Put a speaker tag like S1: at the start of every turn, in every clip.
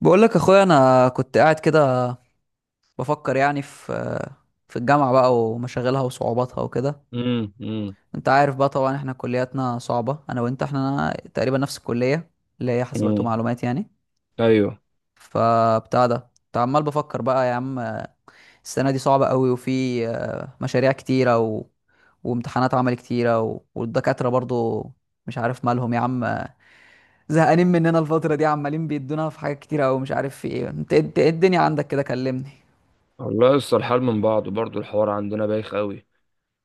S1: بقول لك اخويا، انا كنت قاعد كده بفكر يعني في الجامعه بقى ومشاغلها وصعوباتها وكده.
S2: امم امم
S1: انت عارف بقى طبعا احنا كلياتنا صعبه، انا وانت احنا تقريبا نفس الكليه اللي هي حاسبات
S2: امم،
S1: ومعلومات يعني.
S2: ايوه.
S1: فبتاع ده كنت عمال بفكر بقى يا عم، السنه دي صعبه قوي وفي مشاريع كتيره وامتحانات عمل كتيره والدكاتره برضو مش عارف مالهم يا عم، زهقانين مننا الفتره دي، عمالين بيدونا في حاجات كتيره قوي، مش عارف في ايه. انت إيه الدنيا عندك كده؟ كلمني.
S2: والله لسه الحال من بعضه برضه، الحوار عندنا بايخ قوي.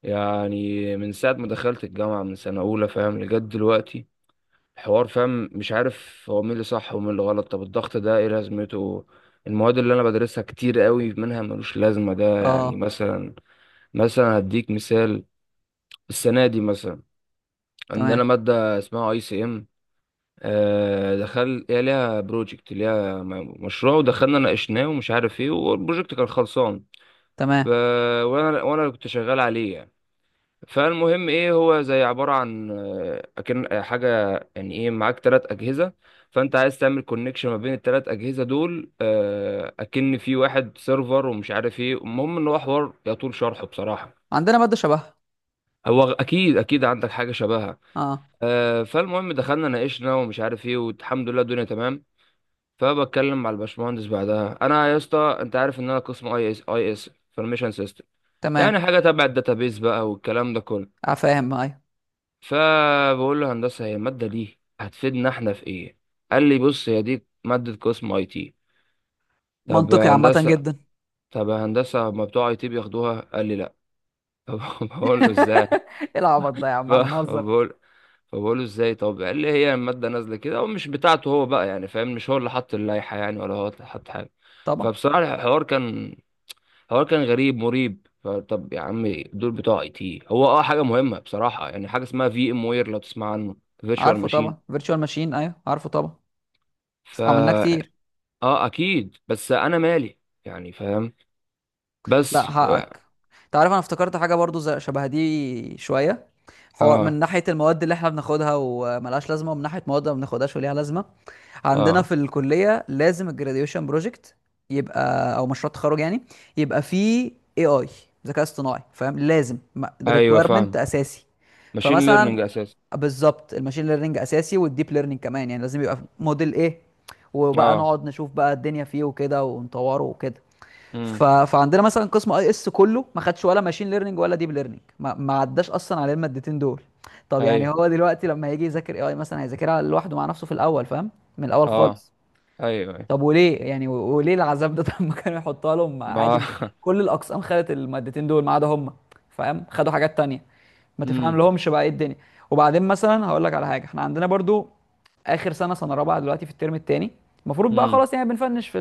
S2: يعني من ساعه ما دخلت الجامعه من سنه اولى، فاهم، لجد دلوقتي الحوار، فاهم، مش عارف هو مين اللي صح ومين اللي غلط. طب الضغط ده ايه لازمته؟ المواد اللي انا بدرسها كتير قوي منها ملوش لازمه، ده يعني
S1: اه،
S2: مثلا، مثلا هديك مثال. السنه دي مثلا عندنا
S1: تمام.
S2: ماده اسمها اي سي ام، دخل هي ليها بروجكت، ليها مشروع، ودخلنا ناقشناه ومش عارف ايه، والبروجكت كان خلصان.
S1: تمام،
S2: وانا كنت شغال عليه يعني. فالمهم ايه، هو زي عباره عن اكن حاجه. يعني ايه، معاك ثلاث اجهزه، فانت عايز تعمل كونكشن ما بين الثلاث اجهزه دول، اكن في واحد سيرفر ومش عارف ايه. المهم ان هو حوار يطول شرحه بصراحه.
S1: عندنا مادة شبهها.
S2: هو اكيد اكيد عندك حاجه شبهها.
S1: اه.
S2: فالمهم دخلنا ناقشنا ومش عارف ايه، والحمد لله الدنيا تمام. فبتكلم مع الباشمهندس بعدها: انا يا اسطى، انت عارف ان انا قسم اي اس، اي اس انفورميشن سيستم، يعني
S1: تمام
S2: حاجة تبع الداتابيز بقى والكلام ده كله.
S1: فاهم. ايوه.
S2: فبقول له: هندسة، هي المادة دي هتفيدنا احنا في ايه؟ قال لي: بص، هي دي مادة قسم اي تي. طب
S1: منطقي،
S2: يا
S1: عامة
S2: هندسة،
S1: جدا.
S2: طب يا هندسة، ما بتوع اي تي بياخدوها؟ قال لي: لا. طب، بقول له ازاي.
S1: ايه العبط ده يا عم؟ احنا نهزر؟
S2: فبقول فبقول له ازاي، طب قال لي: هي المادة نازلة كده ومش بتاعته هو بقى، يعني فاهم، مش هو اللي حط اللائحة يعني، ولا هو اللي حط حاجة.
S1: طبعا
S2: فبصراحة الحوار كان الحوار كان غريب مريب. فطب يا عم، دول بتوع اي تي، هو اه حاجه مهمه بصراحه، يعني حاجه اسمها في ام وير، لو تسمع عنه، فيرتشوال
S1: عارفه، طبعا
S2: ماشين.
S1: فيرتشوال ماشين، ايوه عارفه طبعا.
S2: فا،
S1: استعملناه كتير.
S2: اه اكيد، بس انا مالي، يعني فاهم، بس.
S1: لا حقك. انت عارف انا افتكرت حاجة برضو زي شبه دي شوية، حوار من
S2: اه
S1: ناحية المواد اللي احنا بناخدها وملهاش لازمة، ومن ناحية مواد ما بناخدهاش وليها لازمة. عندنا
S2: اه
S1: في الكلية لازم الجراديويشن بروجكت، يبقى او مشروع تخرج يعني، يبقى فيه اي اي، ذكاء اصطناعي فاهم، لازم،
S2: ايوه
S1: ريكويرمنت
S2: فاهم،
S1: اساسي.
S2: ماشين ليرنينج
S1: فمثلا
S2: اساسا.
S1: بالظبط الماشين ليرنينج اساسي، والديب ليرنينج كمان يعني لازم يبقى موديل ايه، وبقى
S2: اه.
S1: نقعد نشوف بقى الدنيا فيه وكده ونطوره وكده. ف...
S2: امم.
S1: فعندنا مثلا قسم اي اس كله ما خدش ولا ماشين ليرنينج ولا ديب ليرنينج، ما عداش اصلا على المادتين دول. طب يعني
S2: ايوه.
S1: هو دلوقتي لما هيجي يذاكر اي اي مثلا هيذاكرها لوحده مع نفسه في الاول فاهم، من الاول
S2: اه.
S1: خالص.
S2: ايوه، ايوه.
S1: طب وليه يعني و- وليه العذاب ده؟ طب ما كانوا يحطها لهم عادي
S2: ما
S1: ما... كل الاقسام خدت المادتين دول ما عدا هم، فاهم؟ خدوا حاجات تانية. ما تفهم
S2: امم
S1: لهمش بقى ايه الدنيا. وبعدين مثلا هقول لك على حاجه، احنا عندنا برضو اخر سنه، سنه رابعه دلوقتي في الترم الثاني، المفروض بقى
S2: امم
S1: خلاص يعني بنفنش في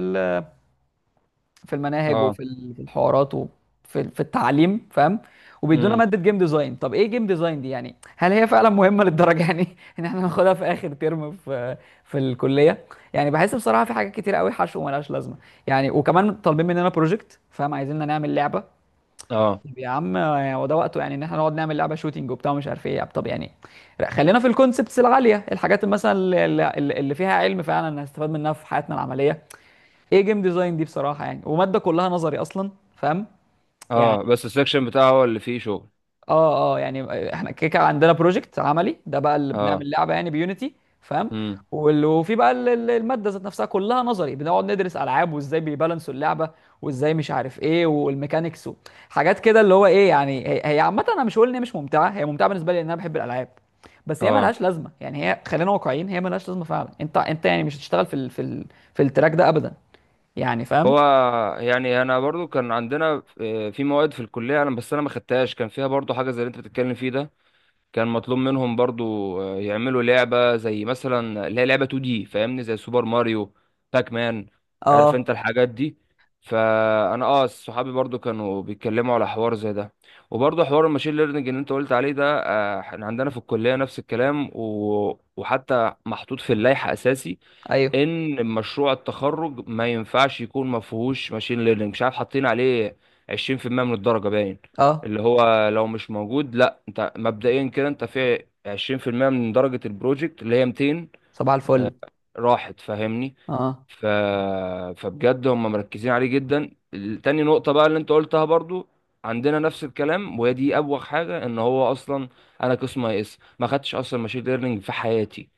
S1: في المناهج
S2: اه،
S1: وفي في الحوارات وفي في التعليم فاهم، وبيدونا
S2: امم،
S1: ماده جيم ديزاين. طب ايه جيم ديزاين دي يعني؟ هل هي فعلا مهمه للدرجه يعني ان احنا ناخدها في اخر ترم في في الكليه؟ يعني بحس بصراحه في حاجات كتير قوي حشو وملهاش لازمه يعني، وكمان طالبين مننا بروجكت فاهم، عايزيننا نعمل لعبه.
S2: اه،
S1: طب يا عم يعني هو ده وقته يعني ان احنا نقعد نعمل لعبه شوتينج وبتاع ومش عارف ايه يعني؟ طب يعني لا، خلينا في الكونسبتس العاليه، الحاجات مثلا مثلا اللي فيها علم فعلا هنستفاد منها في حياتنا العمليه. ايه جيم ديزاين دي بصراحه يعني؟ وماده كلها نظري اصلا فاهم. يعني
S2: اه، بس السكشن بتاعه هو اللي فيه شغل.
S1: اه، اه يعني احنا كيكه، عندنا بروجكت عملي ده بقى اللي
S2: اه،
S1: بنعمل لعبه يعني بيونيتي فاهم.
S2: امم،
S1: وال- وفي بقى الماده ذات نفسها كلها نظري، بنقعد ندرس العاب وازاي بيبالانسوا اللعبه وازاي مش عارف ايه والميكانيكس حاجات كده اللي هو ايه يعني. هي عامه انا مش هقول ان هي مش ممتعه، هي ممتعه بالنسبه لي لان انا بحب الالعاب، بس هي
S2: اه،
S1: ملهاش لازمه يعني. هي خلينا واقعيين، هي ملهاش لازمه فعلا. انت يعني مش هتشتغل في ال في التراك ده ابدا يعني فاهم.
S2: هو، يعني انا برضو كان عندنا في مواد في الكليه، انا بس انا ما خدتهاش، كان فيها برضو حاجه زي اللي انت بتتكلم فيه ده. كان مطلوب منهم برضو يعملوا لعبه زي مثلا اللي هي لعبه 2 دي، فاهمني، زي سوبر ماريو، باك مان. عارف انت
S1: اه،
S2: الحاجات دي. فانا اه صحابي برضو كانوا بيتكلموا على حوار زي ده. وبرضو حوار الماشين ليرنينج اللي انت قلت عليه ده، احنا عندنا في الكليه نفس الكلام، و... وحتى محطوط في اللائحه اساسي
S1: ايوه،
S2: ان مشروع التخرج ما ينفعش يكون ما فيهوش ماشين ليرنينج، مش عارف حاطين عليه 20% من الدرجة باين.
S1: اه،
S2: اللي هو لو مش موجود، لا انت مبدئيا كده انت في 20% من درجة البروجكت اللي هي 200،
S1: صباح الفل،
S2: راحت فاهمني.
S1: اه،
S2: ف... فبجد هم مركزين عليه جدا. تاني نقطة بقى اللي انت قلتها برضو عندنا نفس الكلام، وهي دي أبوغ حاجة، ان هو اصلا انا قسم اي اس ما خدتش اصلا ماشين ليرنينج في حياتي.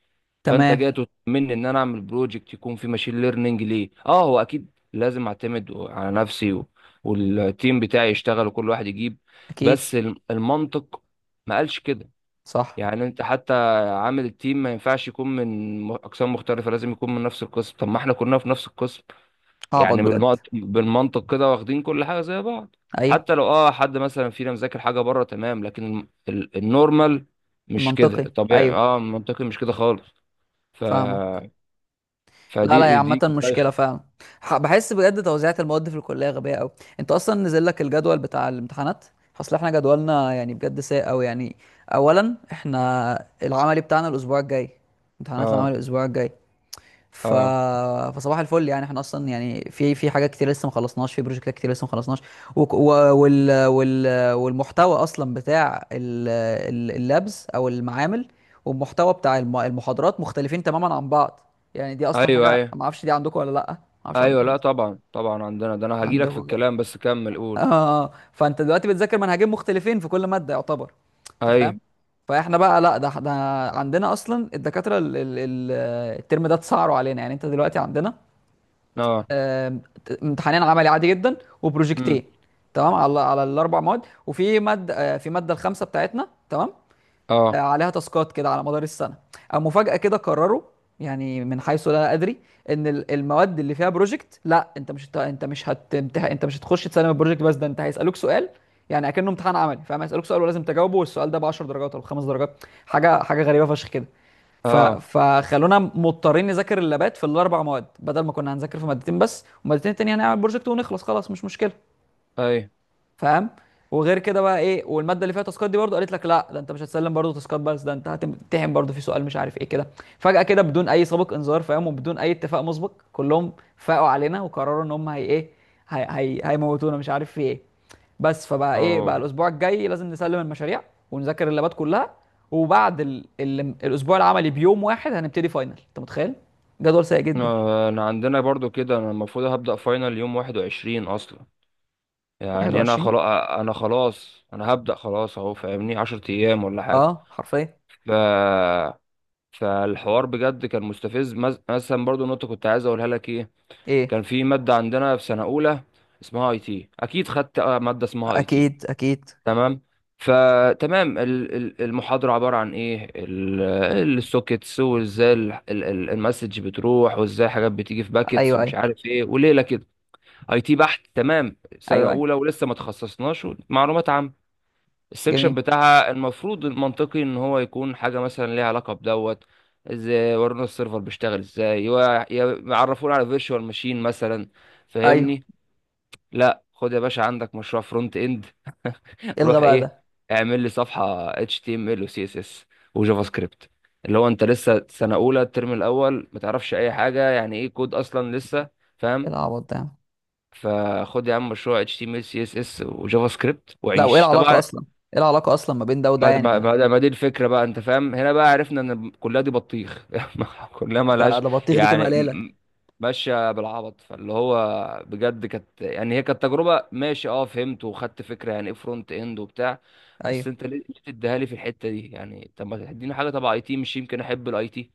S2: فانت جاي
S1: تمام،
S2: تطمني ان انا اعمل بروجكت يكون فيه ماشين ليرنينج ليه؟ اه هو اكيد لازم اعتمد على نفسي و... والتيم بتاعي يشتغل وكل واحد يجيب.
S1: اكيد،
S2: بس المنطق ما قالش كده.
S1: صح،
S2: يعني انت حتى عامل التيم ما ينفعش يكون من اقسام مختلفه، لازم يكون من نفس القسم، طب ما احنا كلنا في نفس القسم.
S1: اعبط
S2: يعني
S1: بجد،
S2: بالمنطق، بالمنطق كده، واخدين كل حاجه زي بعض.
S1: ايوه،
S2: حتى لو اه حد مثلا فينا مذاكر حاجه بره تمام، لكن النورمال مش كده،
S1: المنطقي
S2: الطبيعي
S1: ايوه،
S2: اه المنطقي مش كده خالص. ف،
S1: فاهمك. لا لا، هي
S2: فدي
S1: عامة
S2: دي كانت
S1: مشكلة
S2: بايخه.
S1: فعلا. بحس بجد توزيعة المواد في الكلية غبية قوي. انت اصلا نزل لك الجدول بتاع الامتحانات؟ اصل احنا جدولنا يعني بجد سيء قوي يعني. اولا احنا العملي بتاعنا الاسبوع الجاي، امتحانات العمل
S2: اه،
S1: الاسبوع الجاي. ف...
S2: اه،
S1: فصباح الفل يعني، احنا اصلا يعني في في حاجات كتير لسه ما خلصناش، في بروجكتات كتير لسه ما خلصناش، وك- و... وال... وال... والمحتوى اصلا بتاع اللابز او المعامل، والمحتوى بتاع المحاضرات مختلفين تماما عن بعض. يعني دي اصلا
S2: ايوه
S1: حاجه
S2: ايوه
S1: ما اعرفش دي عندكم ولا لا، ما اعرفش
S2: ايوه،
S1: عندكم ولا
S2: لا
S1: لأ.
S2: طبعا طبعا عندنا ده، انا هجيلك في
S1: عندكم كده.
S2: الكلام بس كمل قول.
S1: اه، فانت دلوقتي بتذاكر منهجين مختلفين في كل ماده يعتبر، انت
S2: ايوه،
S1: فاهم. فاحنا بقى لا، ده عندنا اصلا الدكاتره الترم ده اتسعروا علينا. يعني انت دلوقتي عندنا
S2: اه،
S1: آم، امتحانين عملي عادي جدا،
S2: امم،
S1: وبروجكتين تمام، على على الاربع مواد. وفي ماده في ماده الخامسه بتاعتنا تمام،
S2: اه،
S1: عليها تاسكات كده على مدار السنه، او مفاجاه كده قرروا يعني من حيث لا ادري ان المواد اللي فيها بروجكت لا انت مش هت- انت مش هتمتح... انت مش هتخش تسلم البروجكت بس، ده انت هيسالوك سؤال. يعني اكنه امتحان عملي فاهم، هيسالوك سؤال ولازم تجاوبه، والسؤال ده ب 10 درجات او 5 درجات، حاجه غريبه فشخ كده.
S2: اه،
S1: فخلونا مضطرين نذاكر اللابات في الاربع مواد بدل ما كنا هنذاكر في مادتين بس ومادتين التانية هنعمل بروجكت ونخلص خلاص مش مشكله
S2: ايوه،
S1: فاهم. وغير كده بقى ايه، والماده اللي فيها تاسكات دي برضو قالت لك لا، ده انت مش هتسلم برضو تاسكات بس، ده انت هتمتحن برضو في سؤال مش عارف ايه كده، فجاه كده بدون اي سابق انذار فاهم، وبدون اي اتفاق مسبق كلهم فاقوا علينا وقرروا ان هم هي ايه، هي هيموتونا مش عارف في ايه بس. فبقى ايه بقى
S2: اه،
S1: الاسبوع الجاي لازم نسلم المشاريع ونذاكر اللابات كلها، وبعد الاسبوع العملي بيوم واحد هنبتدي فاينل. انت متخيل؟ جدول سيء جدا.
S2: انا عندنا برضو كده، انا المفروض هبدأ فاينل يوم 21 اصلا. يعني انا
S1: 21؟
S2: خلاص، انا انا هبدأ خلاص اهو، فاهمني، 10 ايام ولا حاجة.
S1: اه حرفيا.
S2: ف، فالحوار بجد كان مستفز، مثلا برضو نقطة كنت عايز اقولها لك ايه.
S1: ايه؟
S2: كان في مادة عندنا في سنة اولى اسمها اي تي، اكيد خدت مادة اسمها اي تي.
S1: اكيد اكيد.
S2: تمام. فتمام، المحاضرة عبارة عن ايه، السوكيتس، وازاي المسج بتروح، وازاي حاجات بتيجي في باكيتس
S1: ايوه
S2: ومش
S1: ايوه
S2: عارف ايه وليلة كده. اي تي بحت، تمام، سنة
S1: ايوه.
S2: اولى ولسه ما تخصصناش، معلومات عامة. السكشن
S1: جميل.
S2: بتاعها، المفروض المنطقي ان هو يكون حاجة مثلا ليها علاقة بدوت. ازاي ورونا السيرفر بيشتغل، ازاي يعرفونا على فيرتشوال ماشين مثلا،
S1: ايوه.
S2: فاهمني؟ لا، خد يا باشا، عندك مشروع فرونت اند. روح
S1: الغى بقى
S2: ايه،
S1: ده.
S2: اعمل لي صفحه اتش تي ام ال وسي اس اس وجافا سكريبت، اللي هو انت لسه سنه اولى الترم الاول ما تعرفش اي حاجه، يعني ايه كود اصلا لسه،
S1: ايه
S2: فاهم.
S1: العبط ده يا عم؟
S2: فخد يا عم مشروع اتش تي ام ال سي اس اس وجافا سكريبت
S1: لا، وايه
S2: وعيش
S1: العلاقه
S2: طبعا.
S1: اصلا؟ ايه العلاقه اصلا ما بين ده وده
S2: ما
S1: يعني؟
S2: ما
S1: ما
S2: ما ما دي الفكره بقى، انت فاهم، هنا بقى عرفنا ان الكليه دي بطيخ. كلها
S1: ده
S2: ملهاش.
S1: ده بطيخ، دي كلمه
S2: يعني
S1: قليله.
S2: ماشيه بالعبط، فاللي هو، بجد كانت يعني، هي كانت تجربه ماشي، اه فهمت وخدت فكره يعني ايه فرونت اند وبتاع. بس
S1: ايوه.
S2: انت ليه، ليه تديها لي في الحته دي يعني؟ طب ما تديني حاجه تبع اي تي، مش يمكن احب الاي تي؟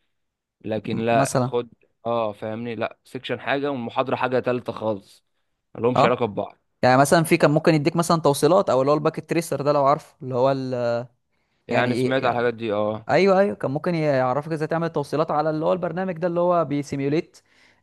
S2: لكن لا،
S1: مثلا
S2: خد. اه، فاهمني، لا، سيكشن حاجه والمحاضره حاجه تالته خالص، ملهمش
S1: اه.
S2: علاقه ببعض.
S1: يعني مثلا في كان ممكن يديك مثلا توصيلات، او اللي هو الباكت تريسر ده لو عارفه، اللي هو يعني
S2: يعني
S1: ايه
S2: سمعت على
S1: يعني.
S2: الحاجات دي، اه.
S1: ايوه ايوه، كان ممكن يعرفك ازاي تعمل توصيلات على اللي هو البرنامج ده اللي هو بيسيميوليت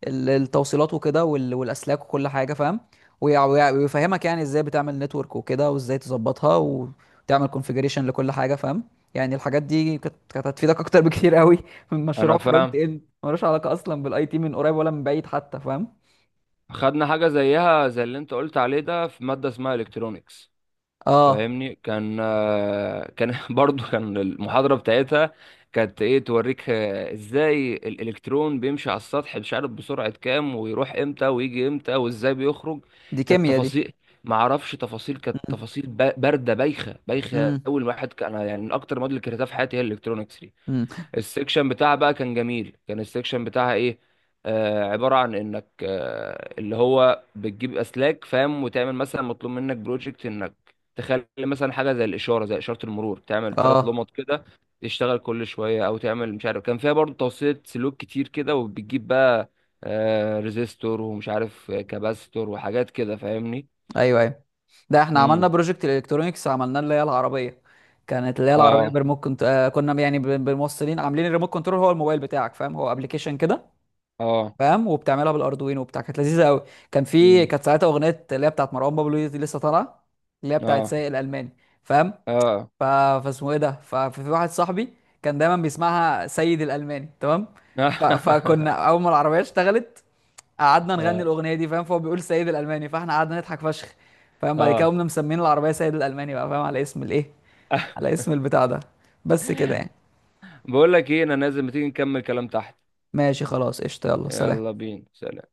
S1: التوصيلات وكده وال- والاسلاك وكل حاجه فاهم. ويع- ويع- ويفهمك يعني ازاي بتعمل نتورك وكده وازاي تظبطها وتعمل كونفيجريشن لكل حاجه فاهم. يعني الحاجات دي كانت هتفيدك اكتر بكتير قوي من مشروع
S2: انا
S1: فرونت
S2: فاهم،
S1: اند ملوش علاقه اصلا بالاي تي من قريب ولا من بعيد حتى، فاهم.
S2: خدنا حاجة زيها زي اللي انت قلت عليه ده في مادة اسمها الكترونيكس.
S1: اه،
S2: فاهمني، كان برضو، كان المحاضرة بتاعتها كانت ايه، توريك، ازاي الالكترون بيمشي على السطح مش عارف بسرعة كام، ويروح امتى ويجي امتى وازاي بيخرج.
S1: دي
S2: كانت
S1: كيمياء دي.
S2: تفاصيل، ما اعرفش تفاصيل، كانت تفاصيل باردة بايخة،
S1: امم،
S2: اول واحد كان أنا، يعني من اكتر المواد اللي كرهتها في حياتي هي الالكترونيكس.
S1: امم،
S2: السكشن بتاعها بقى كان جميل، كان السكشن بتاعها ايه، آه، عبارة عن انك آه اللي هو بتجيب اسلاك فاهم، وتعمل مثلا مطلوب منك بروجكت انك تخلي مثلا حاجة زي الإشارة، زي إشارة المرور، تعمل ثلاث
S1: اه،
S2: لمط كده تشتغل كل شوية. أو تعمل مش عارف، كان فيها برضه توصيلة سلوك كتير كده، وبتجيب بقى آه ريزيستور ومش عارف، كباستور وحاجات كده، فاهمني.
S1: ايوه ايوه. ده احنا عملنا
S2: امم،
S1: بروجكت الكترونيكس عملناه، اللي هي العربيه. كانت اللي هي العربيه
S2: اه،
S1: بريموت، آه كنا يعني بالموصلين عاملين الريموت كنترول هو الموبايل بتاعك فاهم، هو ابلكيشن كده
S2: اه،
S1: فاهم، وبتعملها بالاردوينو وبتاع. كانت لذيذه قوي. كان في،
S2: امم،
S1: كانت ساعتها اغنيه اللي هي بتاعت مروان بابلو دي لسه طالعه، اللي هي بتاعت
S2: اه،
S1: سايق الالماني فاهم.
S2: اه،
S1: ف... فاسمه ايه ده، ففي واحد صاحبي كان دايما بيسمعها سيد الالماني تمام. فكنا اول ما العربيه اشتغلت قعدنا نغني
S2: اه،
S1: الاغنيه دي فاهم، فهو بيقول سيد الالماني فاحنا قعدنا نضحك فشخ فاهم. بعد كده
S2: اه،
S1: قمنا مسمين العربيه سيد الالماني بقى فاهم، على اسم الايه، على اسم البتاع ده. بس كده يعني.
S2: بقول لك ايه، انا نازل، ما تيجي نكمل كلام تحت؟
S1: ماشي خلاص قشطه، يلا
S2: يلا
S1: سلام.
S2: بينا، سلام.